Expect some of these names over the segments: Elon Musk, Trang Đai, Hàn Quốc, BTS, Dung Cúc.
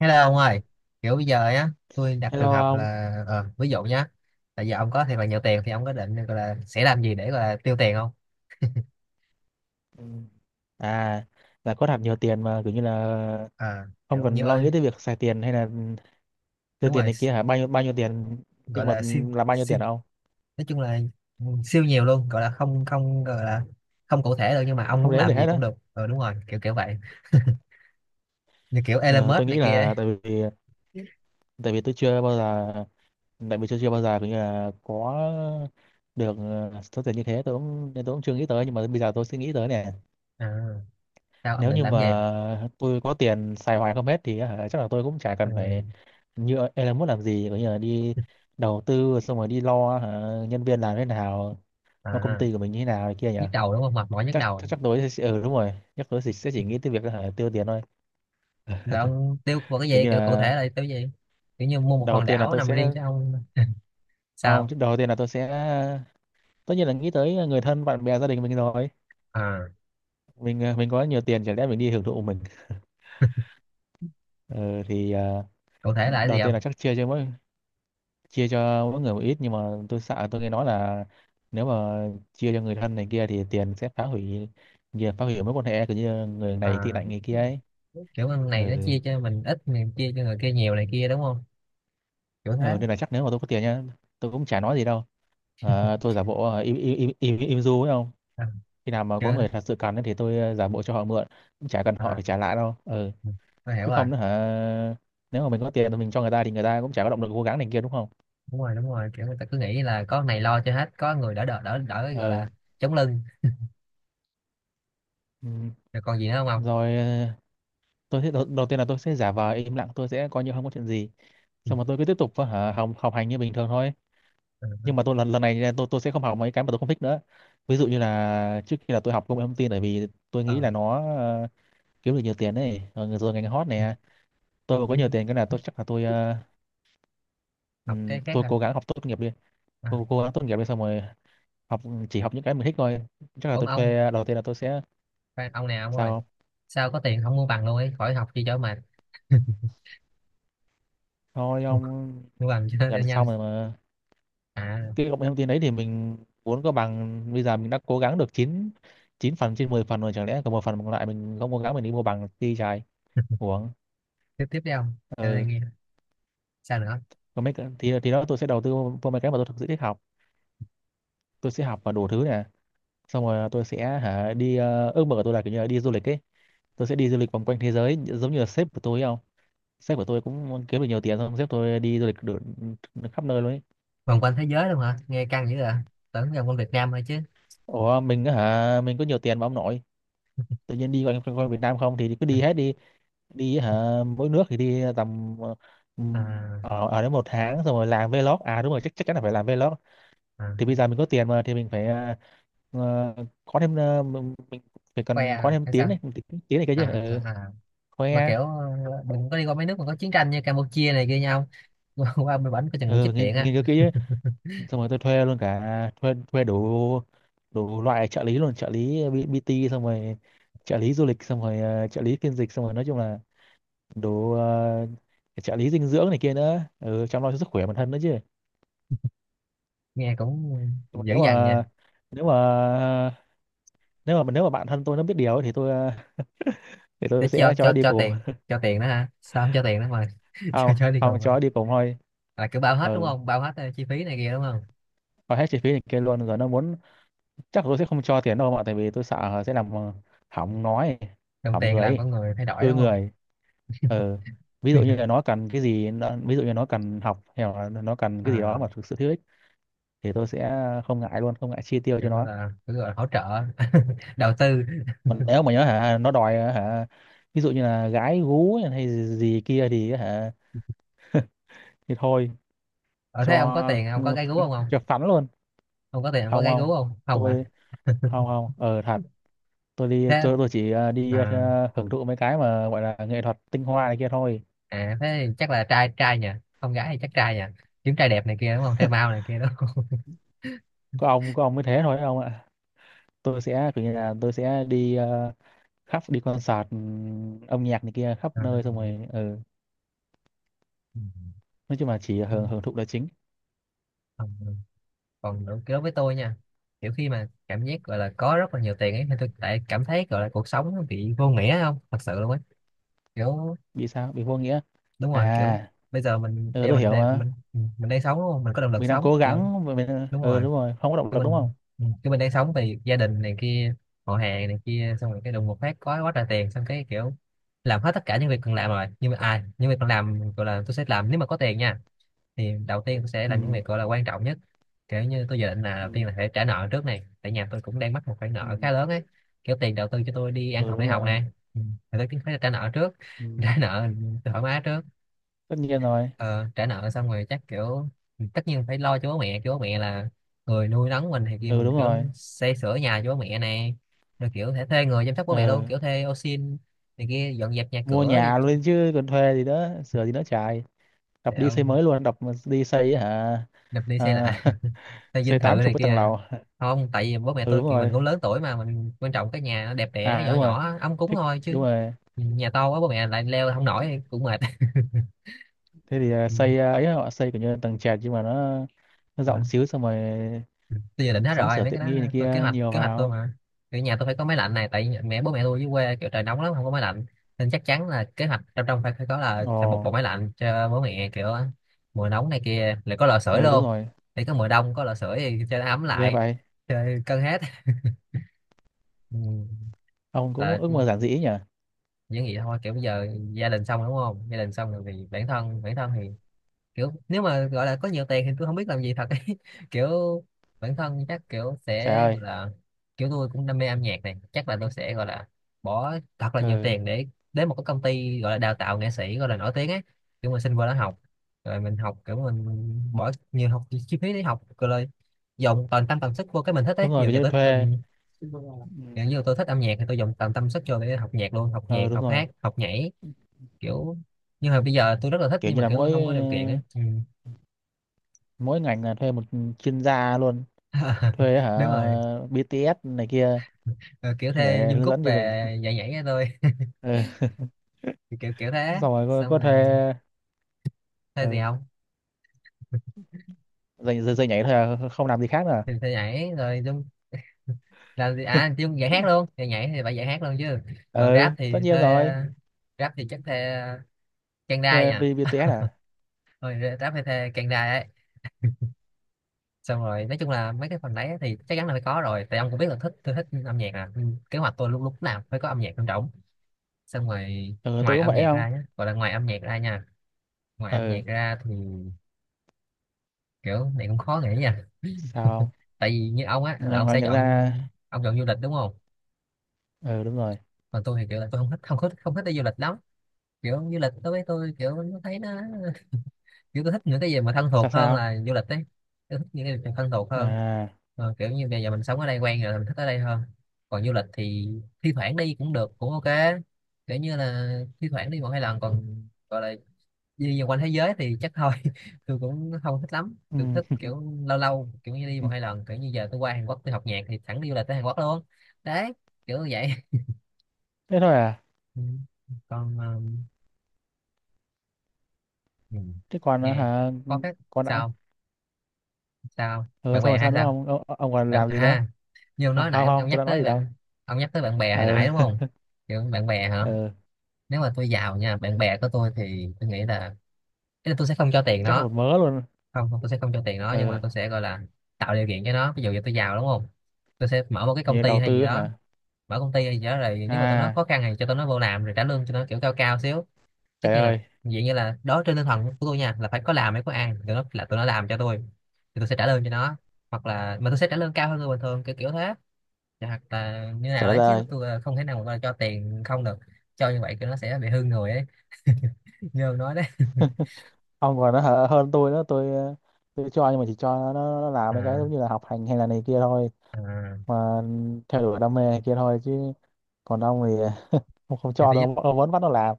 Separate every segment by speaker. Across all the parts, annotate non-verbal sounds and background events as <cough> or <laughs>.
Speaker 1: Hello ông ơi, kiểu bây giờ á, tôi đặt trường
Speaker 2: Hello
Speaker 1: hợp
Speaker 2: ông.
Speaker 1: là ví dụ nhá, là giờ ông có thiệt là nhiều tiền thì ông có định gọi là sẽ làm gì để gọi là tiêu tiền không?
Speaker 2: Ừ. À, là có thật nhiều tiền mà kiểu như là
Speaker 1: À,
Speaker 2: không
Speaker 1: kiểu như
Speaker 2: cần lo
Speaker 1: ơi,
Speaker 2: nghĩ tới việc xài tiền hay là tiêu
Speaker 1: đúng
Speaker 2: tiền
Speaker 1: rồi,
Speaker 2: này kia hả? Bao nhiêu tiền
Speaker 1: gọi
Speaker 2: nhưng mà
Speaker 1: là siêu
Speaker 2: là bao nhiêu
Speaker 1: siêu
Speaker 2: tiền hả ông?
Speaker 1: nói chung là ừ, siêu nhiều luôn, gọi là không không gọi là không cụ thể được nhưng mà ông
Speaker 2: Không
Speaker 1: muốn
Speaker 2: đếm được
Speaker 1: làm gì
Speaker 2: hết đó.
Speaker 1: cũng được. Ờ đúng rồi, kiểu kiểu vậy. Như kiểu Elon
Speaker 2: Ờ,
Speaker 1: Musk
Speaker 2: tôi
Speaker 1: này
Speaker 2: nghĩ
Speaker 1: kia ấy.
Speaker 2: là tại vì tôi chưa bao giờ tại vì tôi chưa bao giờ kiểu như là có được số tiền như thế tôi cũng nên tôi cũng chưa nghĩ tới, nhưng mà bây giờ tôi sẽ nghĩ tới nè.
Speaker 1: À, sao ông
Speaker 2: Nếu
Speaker 1: định
Speaker 2: như
Speaker 1: làm gì?
Speaker 2: mà tôi có tiền xài hoài không hết thì hả, chắc là tôi cũng chả
Speaker 1: Ừ,
Speaker 2: cần phải như Elon Musk, làm gì có nghĩa là đi đầu tư xong rồi đi lo hả, nhân viên làm thế nào, lo công
Speaker 1: à,
Speaker 2: ty của mình như thế nào này kia nhỉ.
Speaker 1: nhức đầu đúng không? Mệt mỏi nhức
Speaker 2: chắc
Speaker 1: đầu.
Speaker 2: chắc, chắc tôi sẽ, ừ đúng rồi, chắc tôi sẽ chỉ nghĩ tới việc là hả, tiêu tiền thôi.
Speaker 1: Là ông tiêu vào cái
Speaker 2: Kiểu
Speaker 1: gì?
Speaker 2: như
Speaker 1: Kiểu cụ thể
Speaker 2: là
Speaker 1: là tiêu gì? Kiểu như mua một
Speaker 2: đầu
Speaker 1: hòn
Speaker 2: tiên là
Speaker 1: đảo
Speaker 2: tôi
Speaker 1: nằm
Speaker 2: sẽ
Speaker 1: riêng cho ông
Speaker 2: không,
Speaker 1: sao?
Speaker 2: chứ đầu tiên là tôi sẽ tất nhiên là nghĩ tới người thân bạn bè gia đình mình rồi.
Speaker 1: À,
Speaker 2: Mình à, mình có nhiều tiền chả lẽ mình đi hưởng thụ mình. Ừ, thì
Speaker 1: cụ thể là cái
Speaker 2: đầu
Speaker 1: gì
Speaker 2: tiên
Speaker 1: không?
Speaker 2: là chắc chia cho mỗi người một ít, nhưng mà tôi sợ, tôi nghe nói là nếu mà chia cho người thân này kia thì tiền sẽ phá hủy nhiều, phá hủy mối quan hệ, kiểu như người này tị
Speaker 1: À,
Speaker 2: nạnh người kia ấy.
Speaker 1: kiểu con
Speaker 2: Ừ.
Speaker 1: này nó chia cho mình ít mình chia cho người kia nhiều này kia đúng không, kiểu thế.
Speaker 2: Ừ nên là chắc nếu mà tôi có tiền nhá, tôi cũng chả nói gì đâu. Ờ, tôi giả bộ im im im im, im du ấy không.
Speaker 1: À,
Speaker 2: Khi nào mà có
Speaker 1: chưa.
Speaker 2: người thật sự cần ấy thì tôi giả bộ cho họ mượn, cũng chả cần họ
Speaker 1: À,
Speaker 2: phải trả lại đâu. Ừ,
Speaker 1: ừ, tôi hiểu
Speaker 2: chứ
Speaker 1: rồi.
Speaker 2: không nữa hả, nếu mà mình có tiền thì mình cho người ta, thì người ta cũng chả có động lực cố gắng này kia đúng không.
Speaker 1: Đúng rồi đúng rồi, kiểu người ta cứ nghĩ là có con này lo cho hết, có người đỡ đỡ đỡ đỡ gọi
Speaker 2: Ừ.
Speaker 1: là chống lưng.
Speaker 2: Ừ.
Speaker 1: Rồi còn gì nữa không ông?
Speaker 2: Rồi tôi sẽ đầu tiên là tôi sẽ giả vờ im lặng, tôi sẽ coi như không có chuyện gì,
Speaker 1: Ừ.
Speaker 2: xong rồi tôi cứ tiếp tục học học hành như bình thường thôi.
Speaker 1: Ờ,
Speaker 2: Nhưng mà tôi lần lần này nha, tôi sẽ không học mấy cái mà tôi không thích nữa. Ví dụ như là trước kia là tôi học công nghệ thông tin bởi vì tôi nghĩ
Speaker 1: ờ.
Speaker 2: là nó kiếm được nhiều tiền ấy, rồi ngành hot này. Tôi mà có nhiều tiền cái là tôi chắc là tôi
Speaker 1: Học cái khác
Speaker 2: tôi
Speaker 1: hả?
Speaker 2: cố gắng học tốt nghiệp đi.
Speaker 1: À,
Speaker 2: Cố gắng tốt nghiệp đi xong rồi học, chỉ học những cái mình thích thôi. Chắc là
Speaker 1: ốm
Speaker 2: tôi
Speaker 1: ông.
Speaker 2: thuê, đầu tiên là tôi sẽ
Speaker 1: Khoan, ông nào ông ơi?
Speaker 2: sao không?
Speaker 1: Sao có tiền không mua bằng luôn ấy, khỏi học chi cho mệt. <laughs>
Speaker 2: Thôi
Speaker 1: Mua,
Speaker 2: ông,
Speaker 1: mua bằng cho nó
Speaker 2: gần
Speaker 1: nhanh.
Speaker 2: xong rồi mà.
Speaker 1: À,
Speaker 2: Cái công nghệ thông tin đấy thì mình muốn có bằng, bây giờ mình đã cố gắng được 9 9 phần trên 10 phần rồi, chẳng lẽ còn một phần còn lại mình không cố gắng, mình đi mua bằng đi, trái uổng.
Speaker 1: tiếp tiếp đi ông, cho tôi
Speaker 2: Ừ,
Speaker 1: nghe, sao nữa?
Speaker 2: còn mấy thì đó tôi sẽ đầu tư vào mấy cái mà tôi thực sự thích học. Tôi sẽ học và đủ thứ nè. Xong rồi tôi sẽ hả đi, ước mơ của tôi là kiểu như là đi du lịch ấy. Tôi sẽ đi du lịch vòng quanh thế giới giống như là sếp của tôi ấy không. Sếp của tôi cũng kiếm được nhiều tiền, xong sếp tôi đi du lịch được khắp nơi luôn ấy.
Speaker 1: Vòng quanh thế giới luôn hả, nghe căng dữ à, tưởng vòng quanh Việt Nam thôi chứ.
Speaker 2: Ủa mình á hả, mình có nhiều tiền mà ông nội, tự nhiên đi quanh quanh quanh Việt Nam không thì cứ đi hết đi. Đi hả mỗi nước thì đi tầm, ừ,
Speaker 1: À,
Speaker 2: ở ở đến một tháng xong rồi làm vlog. À đúng rồi, chắc chắc chắn là phải làm vlog.
Speaker 1: à,
Speaker 2: Thì bây giờ mình có tiền mà thì mình phải ờ, có thêm, mình phải
Speaker 1: khoe
Speaker 2: cần có
Speaker 1: à,
Speaker 2: thêm
Speaker 1: hay
Speaker 2: tiếng
Speaker 1: sao?
Speaker 2: này tiếng này cái chứ.
Speaker 1: À,
Speaker 2: Ừ,
Speaker 1: à, à. Mà
Speaker 2: khoe.
Speaker 1: kiểu đừng có đi qua mấy nước mà có chiến tranh như Campuchia này kia nhau. <laughs> Qua bên bển có chừng bị
Speaker 2: Ừ,
Speaker 1: chích điện á.
Speaker 2: nghiên cứu kỹ chứ. Xong rồi tôi thuê luôn, cả thuê, đủ đủ loại trợ lý luôn. Trợ lý BT xong rồi trợ lý du lịch, xong rồi trợ lý phiên dịch, xong rồi nói chung là đủ, trợ lý dinh dưỡng này kia nữa, ừ, chăm lo cho sức khỏe bản thân nữa chứ.
Speaker 1: Nghe cũng
Speaker 2: Nhưng mà
Speaker 1: dữ dằn nha.
Speaker 2: nếu mà nếu mà bạn thân tôi nó biết điều ấy, thì tôi thì
Speaker 1: Để
Speaker 2: tôi
Speaker 1: cho
Speaker 2: sẽ cho nó đi cùng.
Speaker 1: tiền, cho tiền đó hả, sao không cho tiền đó mà <laughs> cho
Speaker 2: Không
Speaker 1: cho đi
Speaker 2: không,
Speaker 1: cùng
Speaker 2: cho
Speaker 1: mà.
Speaker 2: nó đi cùng thôi.
Speaker 1: Là cứ bao hết đúng
Speaker 2: Ừ,
Speaker 1: không, bao hết chi phí này kia đúng không?
Speaker 2: và hết chi phí này kia luôn, rồi nó muốn. Chắc là tôi sẽ không cho tiền đâu, mà tại vì tôi sợ sẽ làm hỏng nói,
Speaker 1: Đồng
Speaker 2: hỏng
Speaker 1: tiền
Speaker 2: người
Speaker 1: làm
Speaker 2: ấy,
Speaker 1: con người thay đổi
Speaker 2: hư
Speaker 1: đúng không?
Speaker 2: người. Ừ, ví dụ như là
Speaker 1: <laughs>
Speaker 2: nó cần cái gì ví dụ như nó cần học hay là nó cần cái gì đó
Speaker 1: À,
Speaker 2: mà thực sự thiếu ích, thì tôi sẽ không ngại luôn, không ngại chi tiêu cho
Speaker 1: kiểu gọi
Speaker 2: nó.
Speaker 1: là hỗ trợ. <laughs> Đầu tư.
Speaker 2: Còn nếu mà nhớ hả nó đòi hả, ví dụ như là gái gú hay gì kia thì hả thì thôi,
Speaker 1: Ở thế ông có
Speaker 2: cho
Speaker 1: tiền ông có gái gú không không?
Speaker 2: cho phắn luôn.
Speaker 1: Không có tiền không có
Speaker 2: Không
Speaker 1: gái gú
Speaker 2: không,
Speaker 1: không không à?
Speaker 2: tôi không không thật. Tôi đi,
Speaker 1: Thế.
Speaker 2: tôi chỉ đi
Speaker 1: À,
Speaker 2: hưởng thụ mấy cái mà gọi là nghệ thuật tinh hoa này kia thôi.
Speaker 1: à thế thì chắc là trai trai nhỉ, không gái thì chắc trai nhỉ, kiếm trai đẹp này kia đúng không, trai mau này kia đúng không? <laughs>
Speaker 2: Có ông, có ông mới thế thôi ông ạ. Tôi sẽ kiểu như là tôi sẽ đi khắp, đi concert âm nhạc này kia khắp
Speaker 1: À,
Speaker 2: nơi xong rồi ừ.
Speaker 1: ừ,
Speaker 2: Nói chung là chỉ
Speaker 1: ừ,
Speaker 2: hưởng hưởng thụ là chính.
Speaker 1: ừ. Còn đối đối với tôi nha, kiểu khi mà cảm giác gọi là có rất là nhiều tiền ấy thì tôi lại cảm thấy gọi là cuộc sống nó bị vô nghĩa không thật sự luôn ấy, kiểu
Speaker 2: Bị sao, bị vô nghĩa?
Speaker 1: đúng rồi. Kiểu
Speaker 2: À ừ,
Speaker 1: bây giờ
Speaker 2: tôi hiểu mà.
Speaker 1: mình đang sống đúng không, mình có động lực
Speaker 2: Mình đang
Speaker 1: sống,
Speaker 2: cố
Speaker 1: kiểu
Speaker 2: gắng mà mình,
Speaker 1: đúng
Speaker 2: ừ,
Speaker 1: rồi.
Speaker 2: đúng rồi, không có động
Speaker 1: cái
Speaker 2: lực đúng
Speaker 1: mình
Speaker 2: không.
Speaker 1: cái mình đang sống thì gia đình này kia, họ hàng này kia, xong rồi cái đùng một phát có quá trời tiền, xong cái kiểu làm hết tất cả những việc cần làm rồi, nhưng mà à, những việc cần làm gọi là tôi sẽ làm nếu mà có tiền nha, thì đầu tiên tôi sẽ làm những
Speaker 2: Ừ.
Speaker 1: việc gọi là quan trọng nhất. Kiểu như tôi dự định là
Speaker 2: Ừ.
Speaker 1: đầu tiên là phải trả nợ trước này, tại nhà tôi cũng đang mắc một khoản
Speaker 2: Ừ,
Speaker 1: nợ khá lớn ấy, kiểu tiền đầu tư cho tôi đi ăn
Speaker 2: ừ
Speaker 1: học
Speaker 2: đúng
Speaker 1: đại học
Speaker 2: rồi.
Speaker 1: nè. Ừ, thì tôi cũng phải trả nợ trước.
Speaker 2: Ừ.
Speaker 1: <laughs> Trả nợ thoải mái trước.
Speaker 2: Tất nhiên rồi.
Speaker 1: Ờ, Trả nợ xong rồi chắc kiểu tất nhiên phải lo cho bố mẹ chứ, bố mẹ là người nuôi nấng mình, thì kia
Speaker 2: Ừ
Speaker 1: mình
Speaker 2: đúng
Speaker 1: kiểu
Speaker 2: rồi.
Speaker 1: xây sửa nhà cho bố mẹ này, rồi kiểu thể thuê người chăm sóc bố mẹ luôn,
Speaker 2: Ừ.
Speaker 1: kiểu thuê ô sin này kia dọn dẹp nhà
Speaker 2: Mua
Speaker 1: cửa gì
Speaker 2: nhà
Speaker 1: chứ.
Speaker 2: luôn chứ còn thuê gì đó sửa gì đó chạy, đập
Speaker 1: Để
Speaker 2: đi xây
Speaker 1: ông
Speaker 2: mới luôn, đập mà đi xây hả.
Speaker 1: đập đi xây
Speaker 2: À,
Speaker 1: lại
Speaker 2: <laughs>
Speaker 1: <laughs> thuê
Speaker 2: xây
Speaker 1: dinh thự
Speaker 2: tám chục
Speaker 1: này
Speaker 2: cái tầng
Speaker 1: kia.
Speaker 2: lầu.
Speaker 1: Không, tại vì bố mẹ
Speaker 2: Ừ
Speaker 1: tôi
Speaker 2: đúng
Speaker 1: kiểu mình
Speaker 2: rồi.
Speaker 1: cũng lớn tuổi mà, mình quan trọng cái nhà nó đẹp đẽ
Speaker 2: À
Speaker 1: nhỏ
Speaker 2: đúng rồi,
Speaker 1: nhỏ ấm cúng
Speaker 2: thích,
Speaker 1: thôi
Speaker 2: đúng
Speaker 1: chứ,
Speaker 2: rồi.
Speaker 1: nhà to quá bố mẹ lại leo không nổi thì cũng mệt. <laughs>
Speaker 2: Thế thì xây ấy họ xây kiểu như là tầng trệt, nhưng mà nó
Speaker 1: Ừ.
Speaker 2: rộng xíu xong rồi
Speaker 1: Tôi dự định hết
Speaker 2: sắm
Speaker 1: rồi
Speaker 2: sửa
Speaker 1: mấy cái
Speaker 2: tiện
Speaker 1: đó,
Speaker 2: nghi này
Speaker 1: tôi
Speaker 2: kia nhiều
Speaker 1: kế hoạch tôi
Speaker 2: vào.
Speaker 1: mà. Kiểu nhà tôi phải có máy lạnh này, tại mẹ bố mẹ tôi dưới quê kiểu trời nóng lắm không có máy lạnh, nên chắc chắn là kế hoạch trong trong phải phải có là
Speaker 2: Ồ.
Speaker 1: phải một bộ máy lạnh cho bố mẹ, kiểu mùa nóng này kia lại có lò sưởi
Speaker 2: Ừ đúng
Speaker 1: luôn,
Speaker 2: rồi.
Speaker 1: để có mùa đông có lò sưởi thì cho nó ấm
Speaker 2: Ghê
Speaker 1: lại,
Speaker 2: vậy.
Speaker 1: chơi cân hết. Ừ.
Speaker 2: Ông cũng
Speaker 1: Là
Speaker 2: ước mơ giản dĩ nhỉ.
Speaker 1: những gì thôi, kiểu bây giờ gia đình xong rồi đúng không, gia đình xong rồi thì bản thân, bản thân thì kiểu nếu mà gọi là có nhiều tiền thì tôi không biết làm gì thật ấy. <laughs> Kiểu bản thân chắc kiểu
Speaker 2: Trời
Speaker 1: sẽ gọi
Speaker 2: ơi.
Speaker 1: là kiểu tôi cũng đam mê âm nhạc này, chắc là tôi sẽ gọi là bỏ thật là nhiều
Speaker 2: Ừ
Speaker 1: tiền để đến một cái công ty gọi là đào tạo nghệ sĩ gọi là nổi tiếng ấy, kiểu mình xin vô đó học, rồi mình học kiểu mình bỏ nhiều học chi phí để học, rồi là dồn toàn tâm toàn sức vô cái mình thích
Speaker 2: đúng
Speaker 1: ấy,
Speaker 2: rồi,
Speaker 1: nhiều
Speaker 2: kiểu
Speaker 1: giờ
Speaker 2: như
Speaker 1: tới tôi,
Speaker 2: thuê. Ừ.
Speaker 1: kiểu như tôi thích âm nhạc thì tôi dồn toàn tâm sức vô để học nhạc luôn, học nhạc
Speaker 2: Ờ đúng
Speaker 1: học
Speaker 2: rồi,
Speaker 1: hát học nhảy kiểu, nhưng mà bây giờ tôi rất là thích
Speaker 2: kiểu
Speaker 1: nhưng
Speaker 2: như
Speaker 1: mà
Speaker 2: là
Speaker 1: kiểu tôi
Speaker 2: mỗi
Speaker 1: không có điều kiện ấy, ừ.
Speaker 2: mỗi ngành là thuê một chuyên gia luôn.
Speaker 1: <laughs>
Speaker 2: Thuê hả,
Speaker 1: Đúng rồi.
Speaker 2: BTS này kia
Speaker 1: Ờ, kiểu thuê
Speaker 2: để
Speaker 1: Dung
Speaker 2: hướng
Speaker 1: Cúc
Speaker 2: dẫn cho mình.
Speaker 1: về nhảy nhảy cho tôi,
Speaker 2: Ừ.
Speaker 1: kiểu kiểu thế.
Speaker 2: Xong rồi
Speaker 1: Xong
Speaker 2: có
Speaker 1: rồi
Speaker 2: thuê.
Speaker 1: thuê gì
Speaker 2: Ừ.
Speaker 1: không?
Speaker 2: Dạy nhảy thôi à, không làm gì khác nữa à?
Speaker 1: Thì thuê nhảy rồi Dung làm gì à, Dung dạy hát luôn, nhảy nhảy thì phải dạy hát luôn chứ. Còn
Speaker 2: Ừ tất nhiên rồi.
Speaker 1: rap thì chắc thuê Trang Đai
Speaker 2: Thuê
Speaker 1: nha,
Speaker 2: vì BTS à.
Speaker 1: rồi rap thì thuê Trang Đai ấy. Xong rồi nói chung là mấy cái phần đấy thì chắc chắn là phải có rồi, tại ông cũng biết là thích, tôi thích âm nhạc à. Ừ, kế hoạch tôi lúc lúc nào phải có âm nhạc trong rỗng, xong rồi
Speaker 2: Ừ, tôi
Speaker 1: ngoài
Speaker 2: cũng
Speaker 1: âm
Speaker 2: vậy
Speaker 1: nhạc
Speaker 2: không.
Speaker 1: ra nhé, gọi là ngoài âm nhạc ra nha, ngoài âm
Speaker 2: Ừ.
Speaker 1: nhạc ra thì kiểu này cũng khó nghĩ nha.
Speaker 2: Sao?
Speaker 1: Tại vì như ông á là ông
Speaker 2: Ngoài
Speaker 1: sẽ
Speaker 2: nhạc
Speaker 1: chọn,
Speaker 2: ra.
Speaker 1: ông chọn du lịch đúng không?
Speaker 2: Ừ đúng rồi.
Speaker 1: Còn tôi thì kiểu là tôi không thích không thích không thích đi du lịch lắm, kiểu du lịch đối với tôi kiểu nó thấy nó kiểu tôi thích những cái gì mà thân
Speaker 2: Sao
Speaker 1: thuộc hơn
Speaker 2: sao?
Speaker 1: là du lịch đấy, tôi thích những cái gì thân thuộc hơn.
Speaker 2: À.
Speaker 1: Ờ, kiểu như bây giờ mình sống ở đây quen rồi mình thích ở đây hơn, còn du lịch thì thi thoảng đi cũng được cũng ok, kiểu như là thi thoảng đi một hai lần, còn gọi là đi vòng quanh thế giới thì chắc thôi <laughs> tôi cũng không thích lắm, tôi thích
Speaker 2: Ừ.
Speaker 1: kiểu lâu lâu kiểu như đi một hai
Speaker 2: <laughs>
Speaker 1: lần, kiểu như giờ tôi qua Hàn Quốc tôi học nhạc thì thẳng đi du lịch tới Hàn Quốc luôn đấy, kiểu như vậy. <laughs>
Speaker 2: Thế thôi à?
Speaker 1: Ừ. Còn ừ,
Speaker 2: Thế còn ờ,
Speaker 1: nghe
Speaker 2: hả
Speaker 1: có cái,
Speaker 2: còn đã?
Speaker 1: sao sao,
Speaker 2: Ừ
Speaker 1: bạn
Speaker 2: xong
Speaker 1: bè
Speaker 2: rồi
Speaker 1: hay
Speaker 2: sao nữa
Speaker 1: sao?
Speaker 2: không ông, ông còn
Speaker 1: Bạn
Speaker 2: làm gì nữa.
Speaker 1: à? Như ông
Speaker 2: Không
Speaker 1: nói nãy ông,
Speaker 2: không,
Speaker 1: ông
Speaker 2: tôi
Speaker 1: nhắc
Speaker 2: đã nói
Speaker 1: tới
Speaker 2: gì đâu.
Speaker 1: bạn, ông nhắc tới bạn bè hồi nãy đúng
Speaker 2: Ừ.
Speaker 1: không? Kiểu bạn bè
Speaker 2: <laughs>
Speaker 1: hả?
Speaker 2: Ừ,
Speaker 1: Nếu mà tôi giàu nha, bạn bè của tôi thì tôi nghĩ là, ý là tôi sẽ không cho tiền
Speaker 2: chắc
Speaker 1: nó.
Speaker 2: một mớ luôn.
Speaker 1: Không không, tôi sẽ không cho tiền nó, nhưng mà
Speaker 2: Ừ.
Speaker 1: tôi sẽ gọi là tạo điều kiện cho nó, ví dụ như tôi giàu đúng không, tôi sẽ mở một cái công
Speaker 2: Như
Speaker 1: ty
Speaker 2: đầu
Speaker 1: hay gì
Speaker 2: tư
Speaker 1: đó,
Speaker 2: hả?
Speaker 1: mở công ty hay gì đó rồi nếu mà tụi nó
Speaker 2: À,
Speaker 1: khó khăn thì cho tụi nó vô làm, rồi trả lương cho nó kiểu cao cao xíu. Tất
Speaker 2: trời
Speaker 1: nhiên là
Speaker 2: ơi,
Speaker 1: vậy, như là đó trên tinh thần của tôi nha, là phải có làm mới có ăn, tụi nó là tụi nó làm cho tôi thì tôi sẽ trả lương cho nó, hoặc là mà tôi sẽ trả lương cao hơn người bình thường kiểu kiểu thế. Dạ, hoặc là như nào
Speaker 2: trời đất
Speaker 1: đấy chứ
Speaker 2: ơi.
Speaker 1: tôi không thể nào mà cho tiền không được, cho như vậy thì nó sẽ bị hư người ấy, như ông nói đấy.
Speaker 2: Ông còn nó hở hơn tôi nữa, tôi tôi cho nhưng mà chỉ cho nó làm
Speaker 1: <laughs>
Speaker 2: mấy cái
Speaker 1: À,
Speaker 2: giống như là học hành hay là này kia thôi,
Speaker 1: à.
Speaker 2: mà theo đuổi đam mê này kia thôi chứ. Còn ông thì không, không
Speaker 1: Thì
Speaker 2: cho
Speaker 1: tôi
Speaker 2: đâu, ông vẫn bắt nó làm.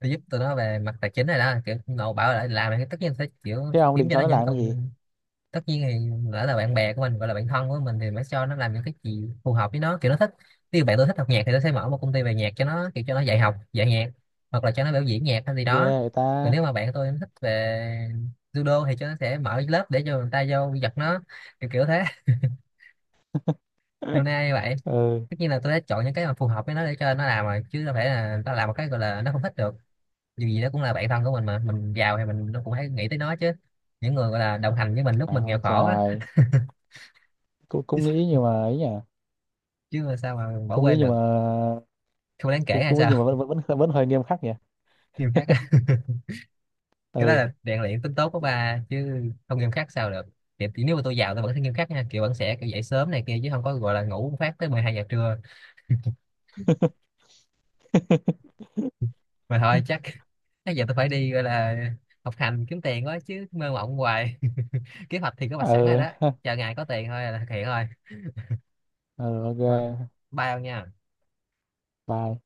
Speaker 1: nó giúp tụi nó về mặt tài chính này đó, kiểu nội bảo là làm thì tất nhiên sẽ kiểu
Speaker 2: Thế ông
Speaker 1: kiếm
Speaker 2: định
Speaker 1: cho
Speaker 2: cho
Speaker 1: nó
Speaker 2: nó
Speaker 1: những
Speaker 2: làm cái gì?
Speaker 1: công. Tất nhiên thì lỡ là bạn bè của mình gọi là bạn thân của mình thì mới cho nó làm những cái gì phù hợp với nó kiểu nó thích. Ví dụ bạn tôi thích học nhạc thì tôi sẽ mở một công ty về nhạc cho nó, kiểu cho nó dạy học dạy nhạc, hoặc là cho nó biểu diễn nhạc hay gì
Speaker 2: Ghê
Speaker 1: đó.
Speaker 2: người ta.
Speaker 1: Còn nếu mà bạn tôi thích về judo thì cho nó sẽ mở lớp để cho người ta vô giật nó, kiểu kiểu thế. <laughs> Hôm nay như
Speaker 2: <laughs>
Speaker 1: vậy.
Speaker 2: Ừ,
Speaker 1: Tất nhiên là tôi đã chọn những cái mà phù hợp với nó để cho nó làm rồi, chứ đâu phải là nó làm một cái gọi là nó không thích được, dù gì đó cũng là bạn thân của mình mà, mình giàu thì mình nó cũng phải nghĩ tới nó chứ, những người gọi là đồng hành với mình lúc
Speaker 2: à,
Speaker 1: mình nghèo
Speaker 2: ôi
Speaker 1: khổ á.
Speaker 2: trời, cũng
Speaker 1: <laughs> Chứ
Speaker 2: cũng nghĩ
Speaker 1: sao,
Speaker 2: nhưng mà ấy nhỉ,
Speaker 1: chứ mà sao mà bỏ
Speaker 2: cũng nghĩ
Speaker 1: quên
Speaker 2: nhưng
Speaker 1: được,
Speaker 2: mà
Speaker 1: không đáng kể
Speaker 2: cũng
Speaker 1: hay
Speaker 2: cũng nghĩ
Speaker 1: sao?
Speaker 2: nhưng mà vẫn hơi nghiêm khắc nhỉ.
Speaker 1: <laughs> Nghiêm khắc á. <laughs> Cái đó
Speaker 2: Ừ.
Speaker 1: là rèn luyện tính tốt của ba chứ, không nghiêm khắc sao được. Thì nếu mà tôi giàu tôi vẫn sẽ nghiêm khắc nha, kiểu vẫn sẽ kiểu dậy sớm này kia chứ không có gọi là ngủ một phát tới 12 giờ trưa.
Speaker 2: <laughs>
Speaker 1: <laughs> Mà thôi chắc <laughs> bây giờ tôi phải đi gọi là học hành kiếm tiền quá chứ mơ mộng hoài. <laughs> Kế hoạch thì có mặt sẵn rồi
Speaker 2: Ừ.
Speaker 1: đó,
Speaker 2: <laughs>
Speaker 1: chờ ngày có tiền thôi là thực hiện thôi.
Speaker 2: Ừ ok,
Speaker 1: Thôi, bye ông nha.
Speaker 2: bye.